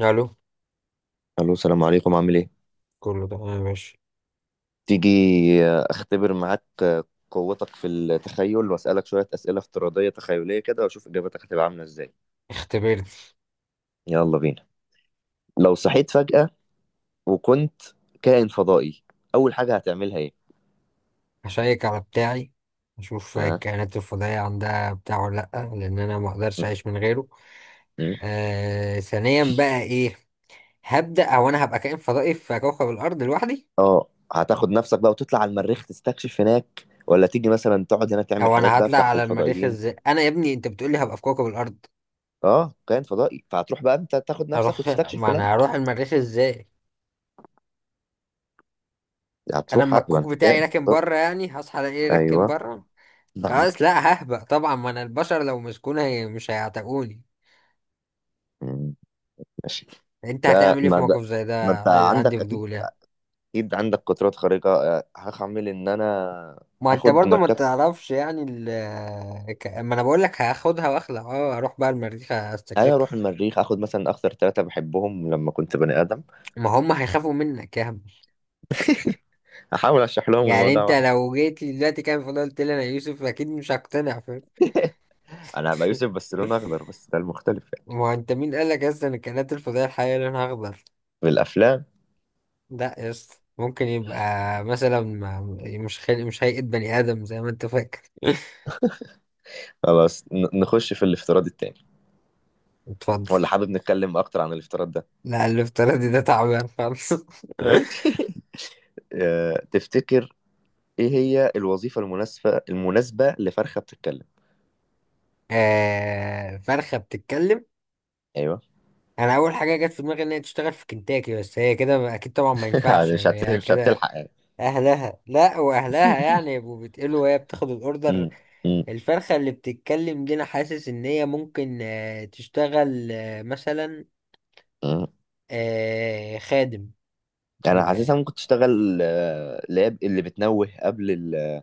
الو. الو، السلام عليكم. عامل ايه؟ كله تمام، ماشي. تيجي؟ اختبر معاك قوتك في التخيل واسالك شويه اسئله افتراضيه تخيليه كده واشوف اجابتك هتبقى عامله ازاي. اختبرت. يلا بينا. لو صحيت فجاه وكنت كائن فضائي، اول حاجه هتعملها ايه؟ هشيك على بتاعي، اشوف ها؟ الكائنات الفضائية عندها بتاع ولا لأ، لان انا ما اقدرش اعيش من غيره. م- ثانيا بقى ايه؟ هبدأ، او انا هبقى كائن فضائي في كوكب الارض لوحدي. اه، هتاخد نفسك بقى وتطلع على المريخ تستكشف هناك، ولا تيجي مثلا تقعد هنا تعمل او حاجات انا بقى هطلع بتاعت على المريخ الفضائيين؟ ازاي؟ انا يا ابني انت بتقولي هبقى في كوكب الارض. اه كائن فضائي، فهتروح بقى انت تاخد نفسك اروح وتستكشف ما انا هناك. هروح المريخ ازاي؟ انا هتروح، اما يبقى الكوك انت بتاعي كائن راكن فضائي. بره، يعني هصحى الاقيه راكن ايوه. بره. بعد. خلاص لا، ههبط طبعا، ما انا البشر لو مسكوني مش هيعتقوني. م- ماشي. انت ده هتعمل ايه ما في ده. موقف زي ما ده؟ انت عندك عندي اكيد. فضول يعني. عندك قدرات خارقه. هعمل ان انا ما انت هاخد برضو ما مركب. تعرفش يعني ما انا بقول لك هاخدها واخلع، اه اروح بقى المريخ ايوه استكشف. اروح المريخ اخد مثلا اكتر ثلاثه بحبهم لما كنت بني ادم. ما هم هيخافوا منك يا هم؟ احاول اشرح لهم يعني الموضوع. انت واحد. لو جيت لي دلوقتي كان فضلت قلت لي انا يوسف اكيد مش هقتنع، فاهم؟ انا هبقى يوسف بس لون اخضر، بس ده المختلف ما يعني. هو انت مين قال لك اصلا الكائنات الفضائيه الحقيقيه لونها اخضر؟ في الافلام. لا يا اسطى ممكن يبقى مثلا مش خلق، مش هيئه بني ادم زي ما انت فاكر. خلاص، نخش في الافتراض التاني، اتفضل. ولا حابب نتكلم اكتر عن الافتراض ده؟ لا الافتراضي ده تعبان خالص. ماشي. تفتكر ايه هي الوظيفه المناسبه لفرخه بتتكلم؟ فرخة بتتكلم. ايوه. انا اول حاجة جت في دماغي ان هي تشتغل في كنتاكي، بس هي كده اكيد طبعا ما ينفعش يعني يعني هي مش كده. هتلحق يعني. اهلها، لا واهلها يعني يبقوا بيتقلوا وهي بتاخد الاوردر. م- م- الفرخة اللي بتتكلم دي انا حاسس ان هي ممكن تشتغل مثلا م. خادم. يعني انا حاسسها يبقى ممكن تشتغل، اللي بتنوه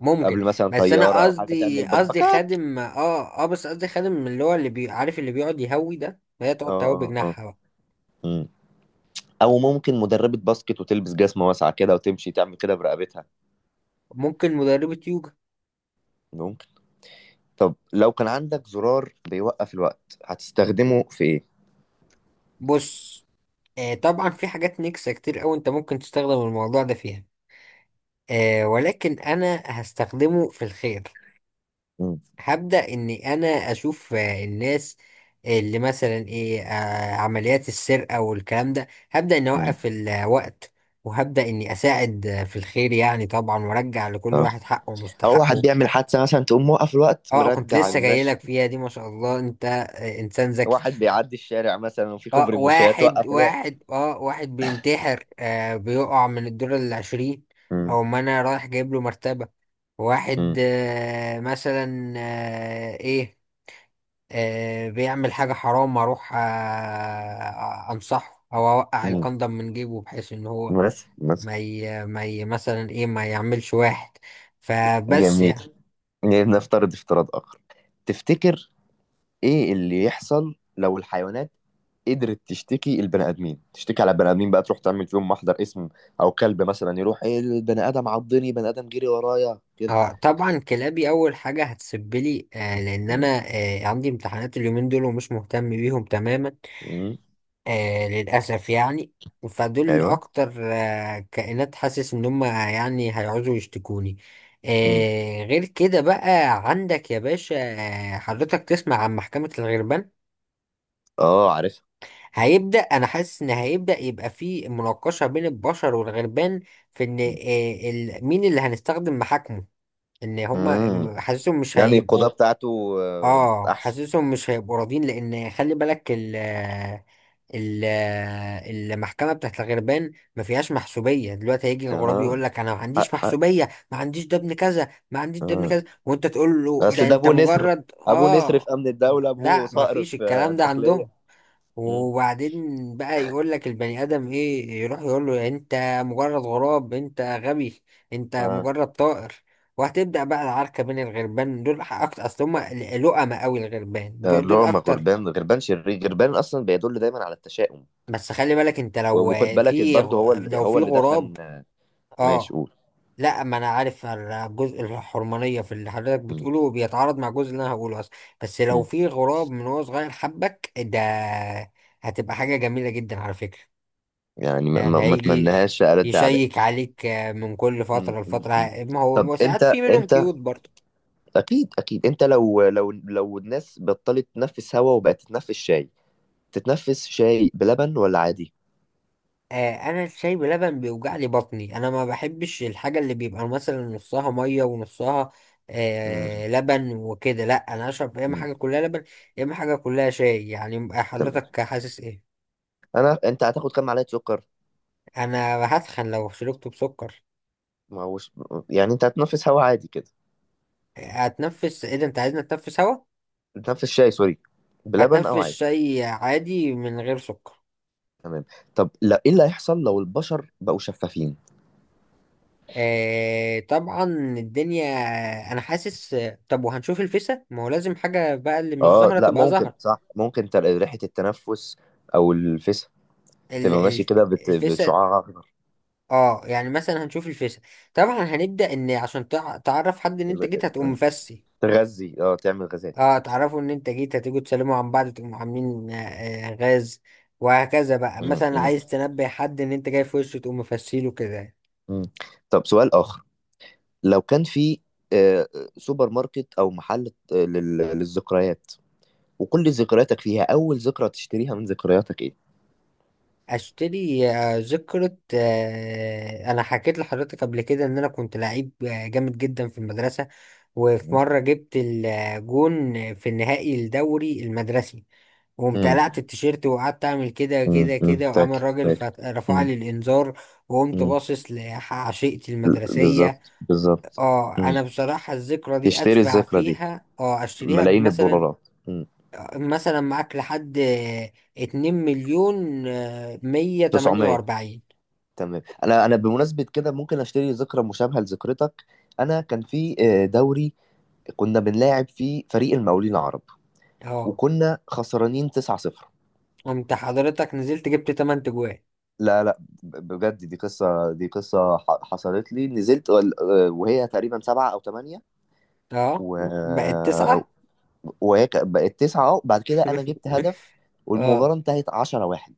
ممكن. قبل مثلا بس طياره انا او حاجه، تعمل قصدي بكبكاك. خادم، بس قصدي خادم اللي هو اللي بي عارف اللي بيقعد يهوي ده، فهي تقعد اه تهوي اه. بجناحها بقى. مم. او ممكن مدربه باسكت، وتلبس جزمه واسعه كده وتمشي تعمل كده برقبتها. ممكن مدربة يوجا. ممكن. طب لو كان عندك زرار بيوقف الوقت، هتستخدمه في ايه؟ بص، طبعا في حاجات نكسة كتير أوي أنت ممكن تستخدم الموضوع ده فيها، ولكن أنا هستخدمه في الخير. مم. هبدأ إني أنا أشوف الناس اللي مثلا إيه عمليات السرقة والكلام ده، هبدأ إني مم. أوقف الوقت، وهبدأ إني أساعد في الخير يعني طبعا، وأرجع لكل اه، واحد حقه او واحد ومستحقه. بيعمل حادثه مثلا، تقوم موقف الوقت أه كنت مرجع لسه المشي. جايلك فيها دي، ما شاء الله أنت إنسان ذكي. واحد بيعدي الشارع مثلا، وفي اه كوبري مشاة، توقف الوقت. واحد بينتحر، بيقع من الدور العشرين، مم. او ما انا رايح جايب له مرتبة. واحد مم. مثلا ايه بيعمل حاجة حرام، اروح انصحه او اوقع مم. الكندم من جيبه بحيث ان هو بس ما ي... ما ي... مثلا ايه ما يعملش، واحد فبس يعني. جميل. يعني نفترض افتراض آخر. تفتكر إيه اللي يحصل لو الحيوانات قدرت تشتكي على البني آدمين، بقى تروح تعمل فيهم محضر اسم؟ أو كلب مثلا يروح إيه، البني آدم عضني، بني آدم جري ورايا كده. اه طبعا كلابي اول حاجة هتسبلي، لان انا مم. عندي امتحانات اليومين دول ومش مهتم بيهم تماما، مم. للأسف يعني. فدول أيوه. أكتر كائنات حاسس إن هم يعني هيعوزوا يشتكوني. مم. غير كده بقى، عندك يا باشا. حضرتك تسمع عن محكمة الغربان؟ أه عارفها. هيبدأ، أنا حاسس إن هيبدأ يبقى في مناقشة بين البشر والغربان، في إن مم. مين اللي هنستخدم محاكمه؟ إن هم مم. حاسسهم مش يعني القضاء هيبقوا. بتاعته أحسن. حاسسهم مش هيبقوا راضين، لأن خلي بالك ال- المحكمه بتاعت الغربان ما فيهاش محسوبيه. دلوقتي هيجي الغراب أها. يقول لك انا ما عنديش حق. محسوبيه، ما عنديش ده ابن كذا، ما عنديش ده ابن أه. كذا، وانت تقول له أصل ده ده انت أبو نسر، مجرد أبو نسر في اه. أمن الدولة، أبوه لا، ما صقر فيش في الكلام ده الداخلية. عندهم. مم. وبعدين بقى يقول لك البني ادم ايه؟ يروح يقول له انت مجرد غراب، انت غبي، انت آه. مجرد طائر. وهتبدأ بقى العركة بين الغربان. دول أكتر أصل هما لؤمة أوي، الغربان ده دول, اللي دول هو، ما أكتر. غربان، غربان شرير، غربان اصلا بيدل دايما على التشاؤم. بس خلي بالك انت لو وخد بالك برضه، هو اللي لو في دفن، غراب آه، ماشي اه، قول. لا ما انا عارف الجزء الحرمانية في اللي حضرتك م- بتقوله بيتعارض مع الجزء اللي انا هقوله اصلا. بس لو م. في غراب من هو صغير حبك ده هتبقى حاجة جميلة جدا على فكرة. يعني ما, ما, يعني ما هيجي اتمنهاش ارد اعدائي. يشيك عليك من كل فترة لفترة. م. ما هو طب ما هو ساعات انت، في منهم انت كيوت برضه. اكيد انت لو الناس بطلت تنفس هوا وبقت تتنفس شاي، تتنفس شاي بلبن ولا عادي؟ انا الشاي بلبن بيوجع لي بطني، انا ما بحبش الحاجه اللي بيبقى مثلا نصها ميه ونصها م- لبن وكده. لا انا اشرب يا اما م. حاجه كلها لبن، يا اما حاجه كلها شاي. يعني تمام. حضرتك حاسس ايه؟ انا، انت هتاخد كام معلقه سكر؟ انا هتخن لو شربته بسكر. ما هوش، يعني انت هتنفس هوا عادي كده؟ هتنفس ايه؟ ده انت عايزني اتنفس هوا؟ تنفس شاي، سوري، بلبن او هتنفس عادي. شاي عادي من غير سكر. تمام. طب لا، ايه اللي هيحصل لو البشر بقوا شفافين؟ طبعا الدنيا، انا حاسس، طب وهنشوف الفيسة. ما هو لازم حاجه بقى اللي مش اه زهره لا، تبقى ممكن زهره. صح، ممكن ريحة التنفس او الفسا ال- تبقى ماشي الف- كده الفيسة. بشعاع اخضر. اه يعني مثلا هنشوف الفيس طبعا. هنبدأ ان عشان تعرف حد ان انت ال- جيت هتقوم مفسي. تغذي، اه تعمل غازات. اه تعرفوا ان انت جيت هتيجوا تسلموا عن بعض تقوموا عاملين غاز، وهكذا. بقى م- مثلا م- عايز تنبه حد ان انت جاي في وشه تقوم مفسيله كده. م. طب سؤال اخر. لو كان في، آه، سوبر ماركت او محل، للذكريات، وكل ذكرياتك فيها، اول ذكرى تشتريها من ذكرياتك ايه؟ اشتري ذكرى. انا حكيت لحضرتك قبل كده ان انا كنت لعيب جامد جدا في المدرسة، وفي م- مرة جبت الجون في النهائي الدوري المدرسي، وقمت قلعت م- التيشيرت وقعدت اعمل كده كده م. كده، وقام فاكر الراجل فاكر رفع م- لي الانذار، وقمت م. باصص لعشيقتي المدرسيه. بالظبط. اه انا بصراحه الذكرى دي تشتري ادفع الذكرى دي فيها، اه اشتريها ملايين بمثلا، الدولارات. مم. مثلا معاك لحد اتنين مليون مية تمانية 900. واربعين. تمام. انا، بمناسبه كده ممكن اشتري ذكرى مشابهه لذكرتك. انا كان في، دوري كنا بنلاعب فيه فريق المقاولين العرب، اه وكنا خسرانين 9-0. قمت حضرتك نزلت جبت تمن تجوان، لا بجد، دي قصه حصلت لي، نزلت، وهي تقريبا سبعة او ثمانية، اه و... بقت آه، تسعة. وهي بقت تسعة اهو، بعد كده انا جبت هدف، والمباراة اه انتهت 10 واحد.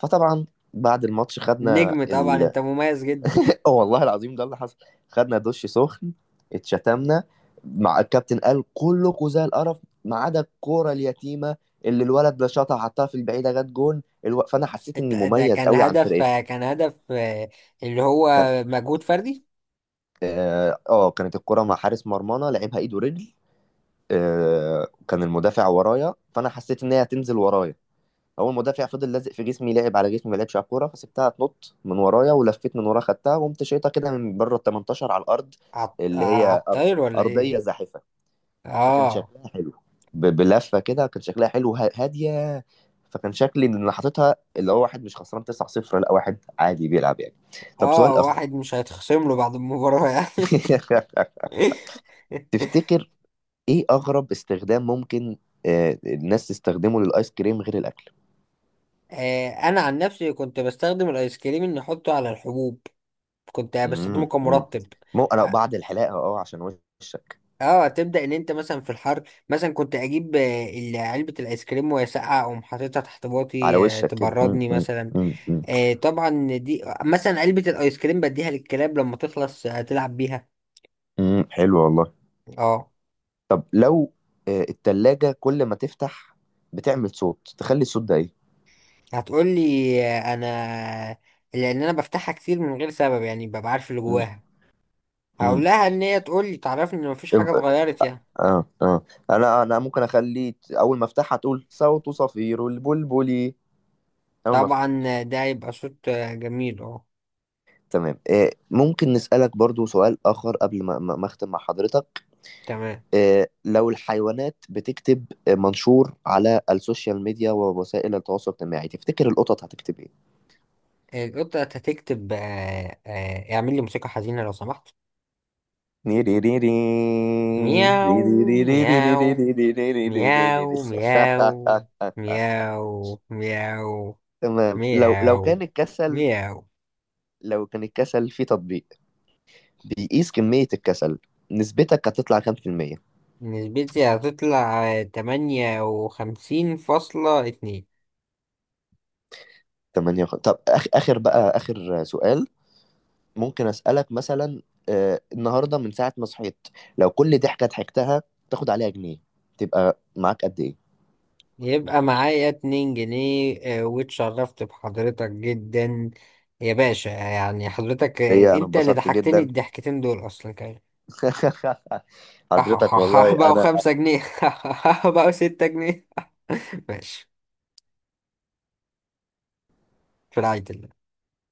فطبعا بعد الماتش خدنا، نجم طبعا انت مميز جدا. اه والله العظيم ده اللي حصل، خدنا دش سخن، اتشتمنا مع الكابتن، قال كلكوا زي القرف ما عدا الكوره اليتيمه اللي الولد ده شاطها حطها في البعيده، جت جون فانا حسيت اني ده مميز كان قوي عن هدف، فرقتي. كان هدف اللي هو كان مجهود فردي؟ اه، كانت الكوره مع حارس مرمانا، لعبها ايد ورجل، كان المدافع ورايا، فانا حسيت ان هي هتنزل ورايا. اول مدافع فضل لازق في جسمي، لعب على جسمي ما لعبش على الكوره، فسبتها تنط من ورايا ولفيت من وراها خدتها، وقمت شايطها كده من بره ال 18 على الارض، اللي على هي أرض الطاير ولا ايه؟ ارضيه زاحفه. فكان اه شكلها حلو. بلفه كده، كان شكلها حلو، هاديه. فكان شكلي ان انا حاططها اللي هو واحد مش خسران 9-0، لا واحد عادي بيلعب يعني. طب اه سؤال اخر. واحد مش هيتخصم له بعد المباراة يعني. تفتكر ايه اغرب استخدام ممكن، الناس تستخدمه للايس كريم غير الاكل؟ انا عن نفسي كنت بستخدم الايس كريم ان احطه على الحبوب، كنت امم. بستخدمه كمرطب. مو انا اه بعد الحلاقه اه عشان وشك. تبدأ ان انت مثلا في الحر، مثلا كنت اجيب علبة الايس كريم وهي ساقعة، اقوم حاططها تحت على باطي وشك كده. مم، تبردني مم، مثلا. مم، مم، طبعا دي مثلا علبة الايس كريم بديها للكلاب لما تخلص هتلعب بيها. مم، حلو والله. اه طب لو، التلاجة كل ما تفتح بتعمل صوت، تخلي الصوت ده ايه؟ هتقولي انا لان انا بفتحها كتير من غير سبب يعني، ببقى عارف اللي مم، جواها، مم. هقول لها ان هي تقولي تعرفني ان مفيش حاجة يبقى، اتغيرت يعني. اه اه، انا، ممكن اخلي اول ما افتحها تقول صوت صفير البلبلي. اول ما افتح. طبعا ده هيبقى صوت جميل. اه تمام. ممكن نسألك برضو سؤال آخر قبل ما أختم مع حضرتك؟ تمام. لو الحيوانات بتكتب منشور على السوشيال ميديا ووسائل التواصل الاجتماعي، تفتكر القطط هتكتب إيه؟ القطة هتكتب اعمل لي موسيقى حزينة لو سمحت. تمام. مياو، مياو، مياو مياو، مياو مياو، لو مياو، كان الكسل، مياو. لو كان الكسل في تطبيق بيقيس كمية الكسل، نسبتك هتطلع كام في المية؟ نسبتي هتطلع 58.2. 8. طب آخر بقى، آخر سؤال ممكن أسألك مثلا، آه النهاردة من ساعة ما صحيت، لو كل ضحكة ضحكتها تاخد عليها جنيه، تبقى معاك قد إيه؟ يبقى معايا 2 جنيه، واتشرفت بحضرتك جدا يا باشا. يعني حضرتك هي أنا انت اللي انبسطت ضحكتني جدا. الضحكتين دول اصلا كمان. حضرتك والله بقوا أنا 5 جنيه. بقوا 6 جنيه. ماشي. في رعاية الله.